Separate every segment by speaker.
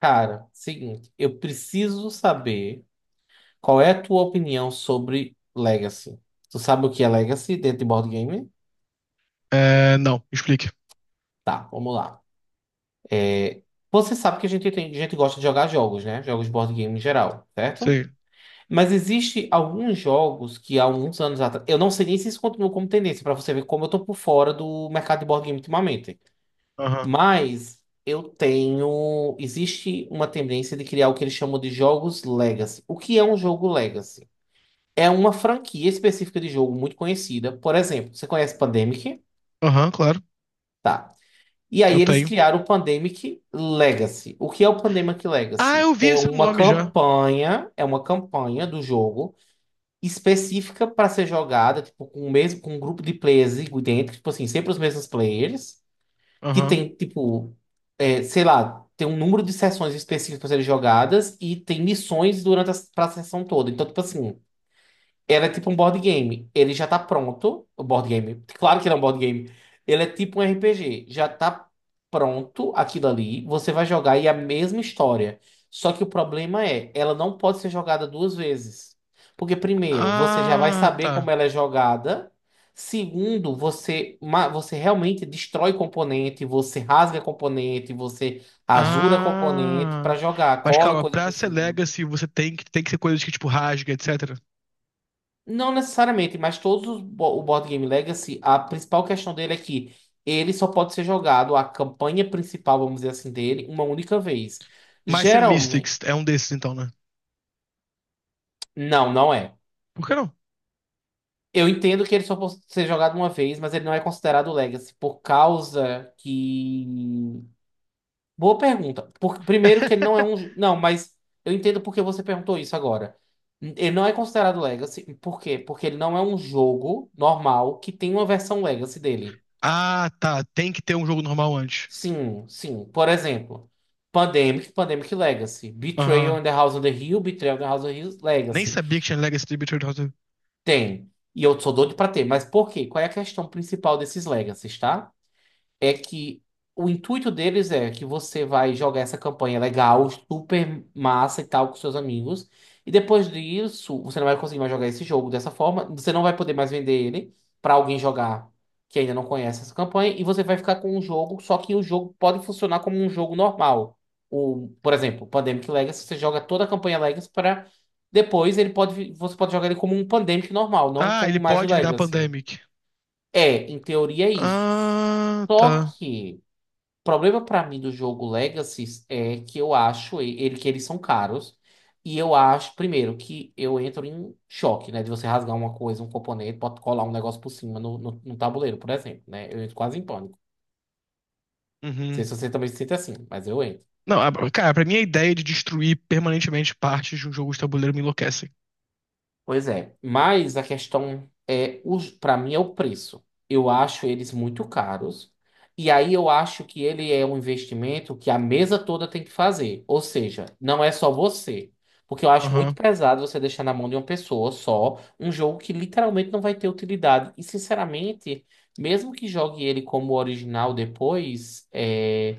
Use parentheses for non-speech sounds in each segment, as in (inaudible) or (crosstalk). Speaker 1: Cara, seguinte, eu preciso saber qual é a tua opinião sobre Legacy. Tu sabe o que é Legacy dentro de board game?
Speaker 2: É, não, explique.
Speaker 1: Tá, vamos lá. É, Você sabe que a gente gosta de jogar jogos, né? Jogos de board game em geral, certo?
Speaker 2: Sim.
Speaker 1: Mas existe alguns jogos que há alguns anos atrás, eu não sei nem se isso continua como tendência pra você ver como eu tô por fora do mercado de board game ultimamente.
Speaker 2: Aham.
Speaker 1: Mas existe uma tendência de criar o que eles chamam de jogos Legacy. O que é um jogo Legacy? É uma franquia específica de jogo muito conhecida. Por exemplo, você conhece Pandemic?
Speaker 2: Aham, claro.
Speaker 1: Tá. E
Speaker 2: Eu
Speaker 1: aí eles
Speaker 2: tenho.
Speaker 1: criaram o Pandemic Legacy. O que é o Pandemic
Speaker 2: Ah,
Speaker 1: Legacy?
Speaker 2: eu vi
Speaker 1: É
Speaker 2: esse
Speaker 1: uma
Speaker 2: nome já.
Speaker 1: campanha, é uma campanha do jogo específica para ser jogada, tipo, com um grupo de players dentro, tipo assim, sempre os mesmos players, que
Speaker 2: Aham.
Speaker 1: tem, tipo, sei lá, tem um número de sessões específicas para serem jogadas e tem missões durante pra sessão toda. Então, tipo assim, ela é tipo um board game. Ele já tá pronto. O board game. Claro que não é um board game. Ele é tipo um RPG. Já tá pronto aquilo ali. Você vai jogar e é a mesma história. Só que o problema é, ela não pode ser jogada duas vezes. Porque, primeiro, você já vai
Speaker 2: Ah,
Speaker 1: saber como
Speaker 2: tá.
Speaker 1: ela é jogada. Segundo, você, você realmente destrói componente, você rasga componente, você rasura componente
Speaker 2: Ah.
Speaker 1: para jogar,
Speaker 2: Mas
Speaker 1: cola
Speaker 2: calma,
Speaker 1: coisa
Speaker 2: pra
Speaker 1: por
Speaker 2: ser
Speaker 1: cima.
Speaker 2: Legacy, você tem que ser coisas que, tipo, rasga, etc.
Speaker 1: Não necessariamente, mas todos os o Board Game Legacy, a principal questão dele é que ele só pode ser jogado, a campanha principal, vamos dizer assim, dele, uma única vez.
Speaker 2: Mice and
Speaker 1: Geralmente.
Speaker 2: Mystics é um desses, então, né?
Speaker 1: Não, não é.
Speaker 2: Por que não?
Speaker 1: Eu entendo que ele só pode ser jogado uma vez, mas ele não é considerado Legacy, por causa que. Boa pergunta. Por... Primeiro que ele não é
Speaker 2: (laughs)
Speaker 1: um. Não, mas eu entendo porque você perguntou isso agora. Ele não é considerado Legacy, por quê? Porque ele não é um jogo normal que tem uma versão Legacy dele.
Speaker 2: Ah, tá. Tem que ter um jogo normal antes.
Speaker 1: Sim, sim. Por exemplo, Pandemic, Pandemic Legacy. Betrayal
Speaker 2: Aham.
Speaker 1: in the House on the Hill, Betrayal in the House on the Hill,
Speaker 2: Nem
Speaker 1: Legacy.
Speaker 2: sabia que tinha Legacy Tributary. House.
Speaker 1: Tem. E eu sou doido pra ter. Mas por quê? Qual é a questão principal desses Legacies, tá? É que o intuito deles é que você vai jogar essa campanha legal, super massa e tal com seus amigos. E depois disso, você não vai conseguir mais jogar esse jogo dessa forma. Você não vai poder mais vender ele para alguém jogar que ainda não conhece essa campanha. E você vai ficar com um jogo, só que o jogo pode funcionar como um jogo normal. O, por exemplo, Pandemic Legacy, você joga toda a campanha Legacy para depois ele pode, você pode jogar ele como um Pandemic normal, não
Speaker 2: Ah,
Speaker 1: como
Speaker 2: ele
Speaker 1: mais o
Speaker 2: pode virar
Speaker 1: Legacy.
Speaker 2: Pandemic.
Speaker 1: É, em teoria é isso.
Speaker 2: Ah,
Speaker 1: Só
Speaker 2: tá.
Speaker 1: que problema pra mim do jogo Legacy é que eu acho ele que eles são caros e eu acho primeiro que eu entro em choque, né, de você rasgar uma coisa, um componente, pode colar um negócio por cima no tabuleiro, por exemplo, né? Eu entro quase em pânico. Não sei
Speaker 2: Uhum.
Speaker 1: se você também se sente assim, mas eu entro.
Speaker 2: Não, cara, pra mim a ideia de destruir permanentemente partes de um jogo de tabuleiro me enlouquece.
Speaker 1: Pois é, mas a questão é, para mim é o preço. Eu acho eles muito caros, e aí eu acho que ele é um investimento que a mesa toda tem que fazer. Ou seja, não é só você. Porque eu acho muito
Speaker 2: Aham,
Speaker 1: pesado você deixar na mão de uma pessoa só um jogo que literalmente não vai ter utilidade. E sinceramente, mesmo que jogue ele como original depois,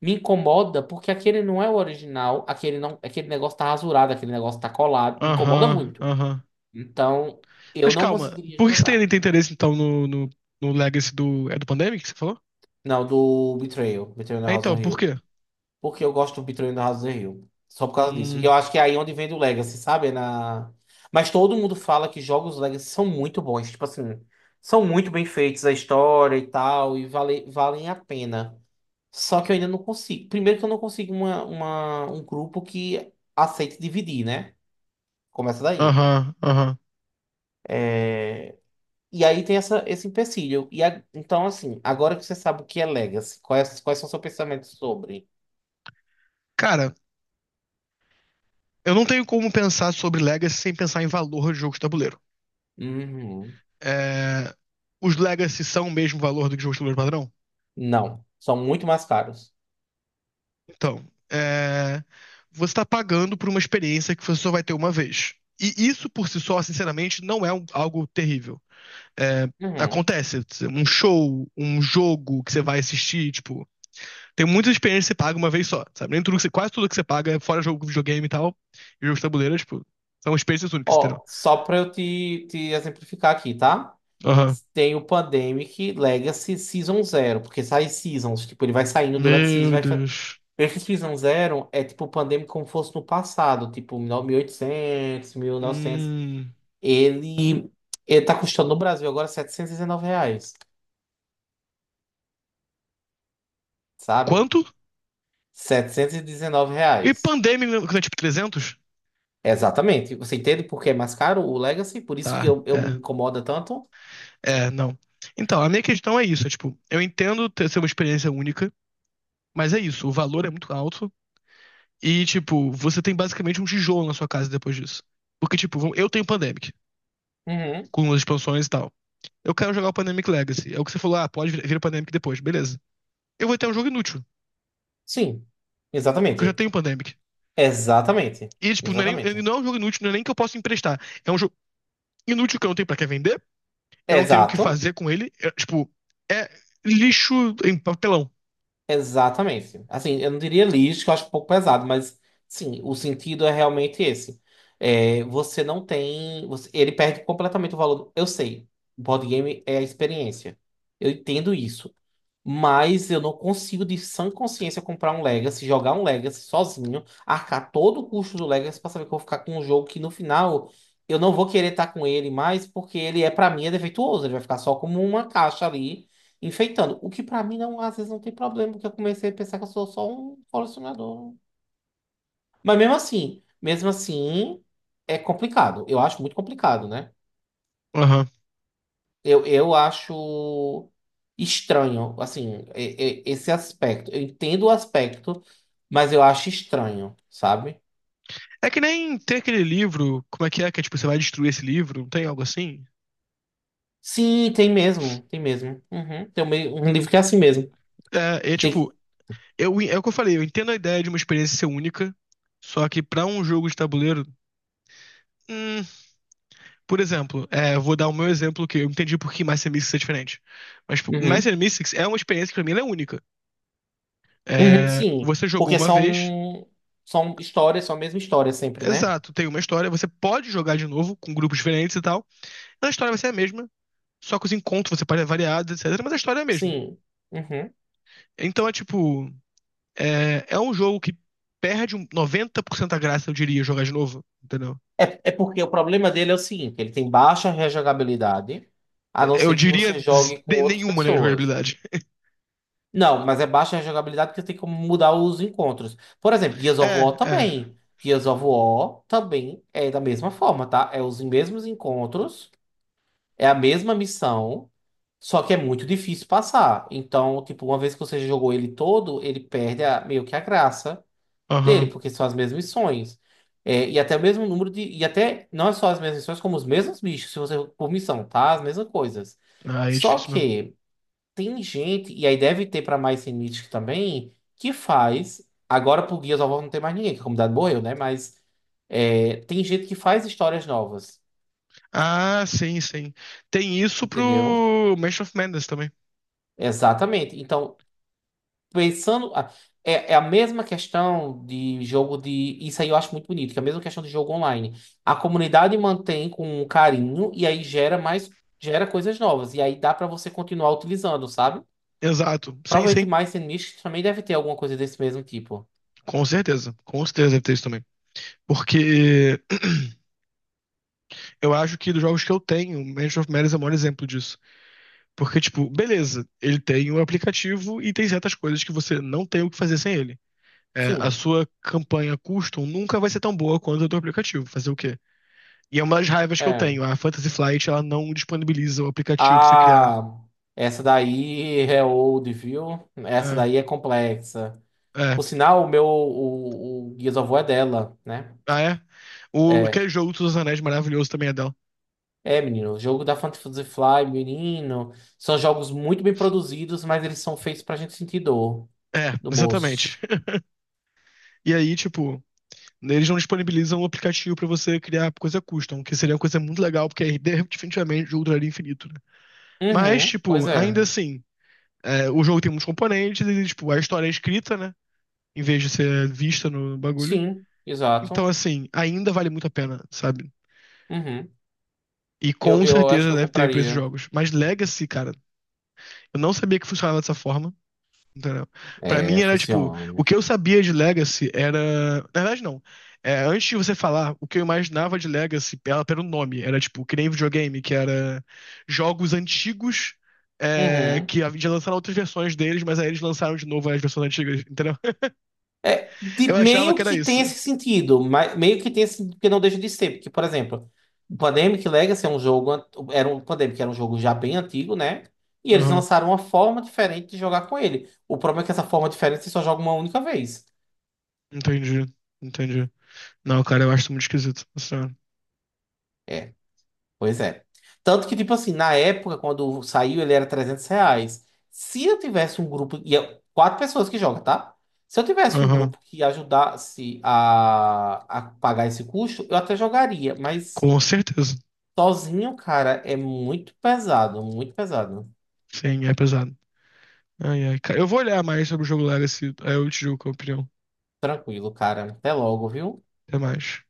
Speaker 1: me incomoda porque aquele não é o original, aquele não, aquele negócio tá rasurado, aquele negócio tá colado, me incomoda
Speaker 2: aham,
Speaker 1: muito.
Speaker 2: aham.
Speaker 1: Então, eu
Speaker 2: Mas
Speaker 1: não
Speaker 2: calma,
Speaker 1: conseguiria
Speaker 2: por que você
Speaker 1: jogar.
Speaker 2: tem, tem interesse então no Legacy do. É do Pandemic que você falou?
Speaker 1: Não, do Betrayal, Betrayal na
Speaker 2: É
Speaker 1: House
Speaker 2: então,
Speaker 1: on
Speaker 2: por
Speaker 1: Hill.
Speaker 2: quê?
Speaker 1: Porque eu gosto do Betrayal na House on Hill. Só por causa disso. E eu
Speaker 2: Hum,
Speaker 1: acho que é aí onde vem do Legacy, sabe? É na... Mas todo mundo fala que jogos Legacy são muito bons. Tipo assim, são muito bem feitos a história e tal, e valem a pena. Só que eu ainda não consigo. Primeiro que eu não consigo um grupo que aceite dividir, né? Começa daí.
Speaker 2: aham, aham.
Speaker 1: E aí tem esse empecilho. Então, assim, agora que você sabe o que é Legacy, quais são seus pensamentos sobre?
Speaker 2: Cara, eu não tenho como pensar sobre Legacy sem pensar em valor de jogo de tabuleiro.
Speaker 1: Uhum.
Speaker 2: É, os Legacy são o mesmo valor do que o jogo de tabuleiro padrão?
Speaker 1: Não, são muito mais caros.
Speaker 2: Então, é, você está pagando por uma experiência que você só vai ter uma vez. E isso por si só, sinceramente, não é algo terrível. É,
Speaker 1: Uhum.
Speaker 2: acontece, um show, um jogo que você vai assistir, tipo, tem muitas experiências que você paga uma vez só, sabe? Nem tudo que você, quase tudo que você paga, fora jogo, videogame e tal, e jogos de tabuleiro, tipo, são experiências únicas, entendeu?
Speaker 1: Ó, só para eu te exemplificar aqui, tá?
Speaker 2: Aham.
Speaker 1: Tem o Pandemic Legacy Season Zero, porque sai seasons, tipo, ele vai saindo durante seasons,
Speaker 2: Meu Deus.
Speaker 1: esse Season Zero é tipo o Pandemic como fosse no passado, tipo 1800, novecentos.
Speaker 2: Hum,
Speaker 1: Ele, ele tá custando no Brasil agora R$ 719, sabe?
Speaker 2: quanto?
Speaker 1: 719
Speaker 2: E
Speaker 1: reais.
Speaker 2: pandemia, né, tipo, 300?
Speaker 1: Exatamente. Você entende por que é mais caro o Legacy? Por isso
Speaker 2: Tá,
Speaker 1: que eu me
Speaker 2: é.
Speaker 1: incomoda tanto?
Speaker 2: É, não. Então, a minha questão é isso, é, tipo, eu entendo ter ser uma experiência única, mas é isso, o valor é muito alto e, tipo, você tem basicamente um tijolo na sua casa depois disso. Porque, tipo, vamos- eu tenho Pandemic,
Speaker 1: Uhum.
Speaker 2: com as expansões e tal. Eu quero jogar o Pandemic Legacy. É o que você falou, ah, pode vir o Pandemic depois, beleza. Eu vou ter um jogo inútil,
Speaker 1: Sim.
Speaker 2: porque eu já
Speaker 1: Exatamente.
Speaker 2: tenho Pandemic.
Speaker 1: Exatamente.
Speaker 2: E, tipo, não é nem, ele
Speaker 1: Exatamente.
Speaker 2: não é um jogo inútil, não é nem que eu possa emprestar. É um jogo inútil que eu não tenho pra que vender, eu não tenho o que
Speaker 1: Exato.
Speaker 2: fazer com ele. É, tipo, é lixo em papelão.
Speaker 1: Exatamente. Assim, eu não diria lixo, que eu acho um pouco pesado, mas sim, o sentido é realmente esse. É, você não tem. Você- ele perde completamente o valor. Eu sei, o board game é a experiência. Eu entendo isso. Mas eu não consigo, de sã consciência, comprar um Legacy, jogar um Legacy sozinho, arcar todo o custo do Legacy pra saber que eu vou ficar com um jogo que no final eu não vou querer estar com ele mais, porque ele é, pra mim, é defeituoso. Ele vai ficar só como uma caixa ali, enfeitando. O que pra mim, não, às vezes, não tem problema, porque eu comecei a pensar que eu sou só um colecionador. Mas mesmo assim, é complicado. Eu acho muito complicado, né?
Speaker 2: Aham.
Speaker 1: Eu acho estranho, assim, esse aspecto. Eu entendo o aspecto, mas eu acho estranho, sabe?
Speaker 2: É que nem tem aquele livro, como é que é, que é, tipo, você vai destruir esse livro, não tem algo assim?
Speaker 1: Sim, tem mesmo, tem mesmo. Uhum. Tem um, um livro que é assim mesmo.
Speaker 2: É, é
Speaker 1: Tem,
Speaker 2: tipo, eu, é o que eu falei, eu entendo a ideia de uma experiência ser única, só que pra um jogo de tabuleiro, hum, por exemplo, é, eu vou dar o meu exemplo que eu entendi por que Master Mystics é diferente. Mas, tipo,
Speaker 1: uhum.
Speaker 2: Master Mystics é uma experiência que pra mim ela é única.
Speaker 1: Uhum,
Speaker 2: É,
Speaker 1: sim,
Speaker 2: você jogou
Speaker 1: porque
Speaker 2: uma vez,
Speaker 1: são, são histórias, são a mesma história sempre, né?
Speaker 2: exato, tem uma história, você pode jogar de novo com grupos diferentes e tal, a história vai ser a mesma, só que os encontros você pode variar, etc, mas a história é a mesma.
Speaker 1: Sim. Uhum.
Speaker 2: Então é tipo. É, é um jogo que perde um 90% da graça, eu diria, jogar de novo, entendeu?
Speaker 1: É, é porque o problema dele é o seguinte, ele tem baixa rejogabilidade, a não
Speaker 2: É, eu
Speaker 1: ser que
Speaker 2: diria
Speaker 1: você jogue com outras
Speaker 2: nenhuma, né,
Speaker 1: pessoas.
Speaker 2: jogabilidade. (laughs)
Speaker 1: Não, mas é baixa a jogabilidade porque tem como mudar os encontros. Por exemplo, Gears of
Speaker 2: É,
Speaker 1: War
Speaker 2: é.
Speaker 1: também. Gears of War também é da mesma forma, tá? É os mesmos encontros, é a mesma missão, só que é muito difícil passar. Então, tipo, uma vez que você jogou ele todo, ele perde meio que a graça dele,
Speaker 2: Aham.
Speaker 1: porque são as mesmas missões. É, e até o mesmo número de. E até não é só as mesmas missões, como os mesmos bichos, se você por missão, tá? As mesmas coisas.
Speaker 2: Ah, aí é
Speaker 1: Só
Speaker 2: difícil mesmo.
Speaker 1: que. Tem gente, e aí deve ter pra mais sem Mythic também, que faz. Agora por guias of War não tem mais ninguém, que a comunidade morreu, né? Mas é, tem gente que faz histórias novas,
Speaker 2: Ah, sim, sim. Tem isso
Speaker 1: entendeu?
Speaker 2: pro Mansion of Madness também.
Speaker 1: Exatamente. Então, pensando. a- é, é a mesma questão de jogo de. Isso aí eu acho muito bonito, que é a mesma questão de jogo online. A comunidade mantém com um carinho e aí gera mais. Gera coisas novas. E aí dá pra você continuar utilizando, sabe?
Speaker 2: Exato. Sim,
Speaker 1: Provavelmente
Speaker 2: sim.
Speaker 1: mais Mythic também deve ter alguma coisa desse mesmo tipo.
Speaker 2: Com certeza. Com certeza deve ter isso também. Porque (clears throat) eu acho que dos jogos que eu tenho, o Mansion of Madness é o maior exemplo disso. Porque, tipo, beleza, ele tem o aplicativo e tem certas coisas que você não tem o que fazer sem ele. É, a
Speaker 1: Sim.
Speaker 2: sua campanha custom nunca vai ser tão boa quanto o do aplicativo. Fazer o quê? E é uma das raivas que eu
Speaker 1: É.
Speaker 2: tenho. A Fantasy Flight, ela não disponibiliza o aplicativo pra você criar.
Speaker 1: Ah, essa daí é old, viu? Essa
Speaker 2: É,
Speaker 1: daí é complexa.
Speaker 2: é.
Speaker 1: Por sinal, o Gears of War é dela, né?
Speaker 2: Ah, é? O,
Speaker 1: É,
Speaker 2: aquele jogo dos Anéis maravilhoso também é dela.
Speaker 1: menino. O jogo da Fantasy Fly, menino. São jogos muito bem produzidos, mas eles são feitos pra gente sentir dor
Speaker 2: É,
Speaker 1: no bolso.
Speaker 2: exatamente. (laughs) E aí, tipo, eles não disponibilizam o aplicativo pra você criar coisa custom, que seria uma coisa muito legal, porque aí definitivamente o jogo duraria infinito, né? Mas,
Speaker 1: Uhum, pois
Speaker 2: tipo, ainda
Speaker 1: é.
Speaker 2: assim, é, o jogo tem muitos componentes e, tipo, a história é escrita, né? Em vez de ser vista no bagulho.
Speaker 1: Sim,
Speaker 2: Então,
Speaker 1: exato.
Speaker 2: assim, ainda vale muito a pena, sabe?
Speaker 1: Uhum.
Speaker 2: E
Speaker 1: Eu,
Speaker 2: com
Speaker 1: eu acho que
Speaker 2: certeza
Speaker 1: eu
Speaker 2: deve ter pra esses
Speaker 1: compraria.
Speaker 2: jogos. Mas Legacy, cara, eu não sabia que funcionava dessa forma, entendeu? Pra mim
Speaker 1: É,
Speaker 2: era tipo, o
Speaker 1: funciona.
Speaker 2: que eu sabia de Legacy era. Na verdade, não. É, antes de você falar, o que eu imaginava de Legacy ela pelo nome. Era tipo, que nem videogame, que era jogos antigos. É,
Speaker 1: Uhum.
Speaker 2: que já lançaram outras versões deles, mas aí eles lançaram de novo as versões antigas, entendeu? (laughs) Eu achava que
Speaker 1: Meio
Speaker 2: era
Speaker 1: que tem
Speaker 2: isso.
Speaker 1: esse sentido, mas meio que tem esse sentido que não deixa de ser, porque, por exemplo, o Pandemic Legacy é um jogo, an- era um o Pandemic era um jogo já bem antigo, né? E eles
Speaker 2: Aham,
Speaker 1: lançaram uma forma diferente de jogar com ele. O problema é que essa forma diferente você só joga uma única vez.
Speaker 2: entendi, entendi. Não, cara, eu acho isso muito esquisito.
Speaker 1: É, pois é. Tanto que, tipo assim, na época, quando saiu, ele era R$ 300. Se eu tivesse um grupo, e é quatro pessoas que jogam, tá? Se eu tivesse um
Speaker 2: Aham.
Speaker 1: grupo que ajudasse a pagar esse custo, eu até jogaria, mas.
Speaker 2: Com certeza.
Speaker 1: Sozinho, cara, é muito pesado, muito pesado.
Speaker 2: Sim, é pesado. Ai, ai. Eu vou olhar mais sobre o jogo lá, esse... aí eu te digo qual é a opinião.
Speaker 1: Tranquilo, cara. Até logo, viu?
Speaker 2: Até mais.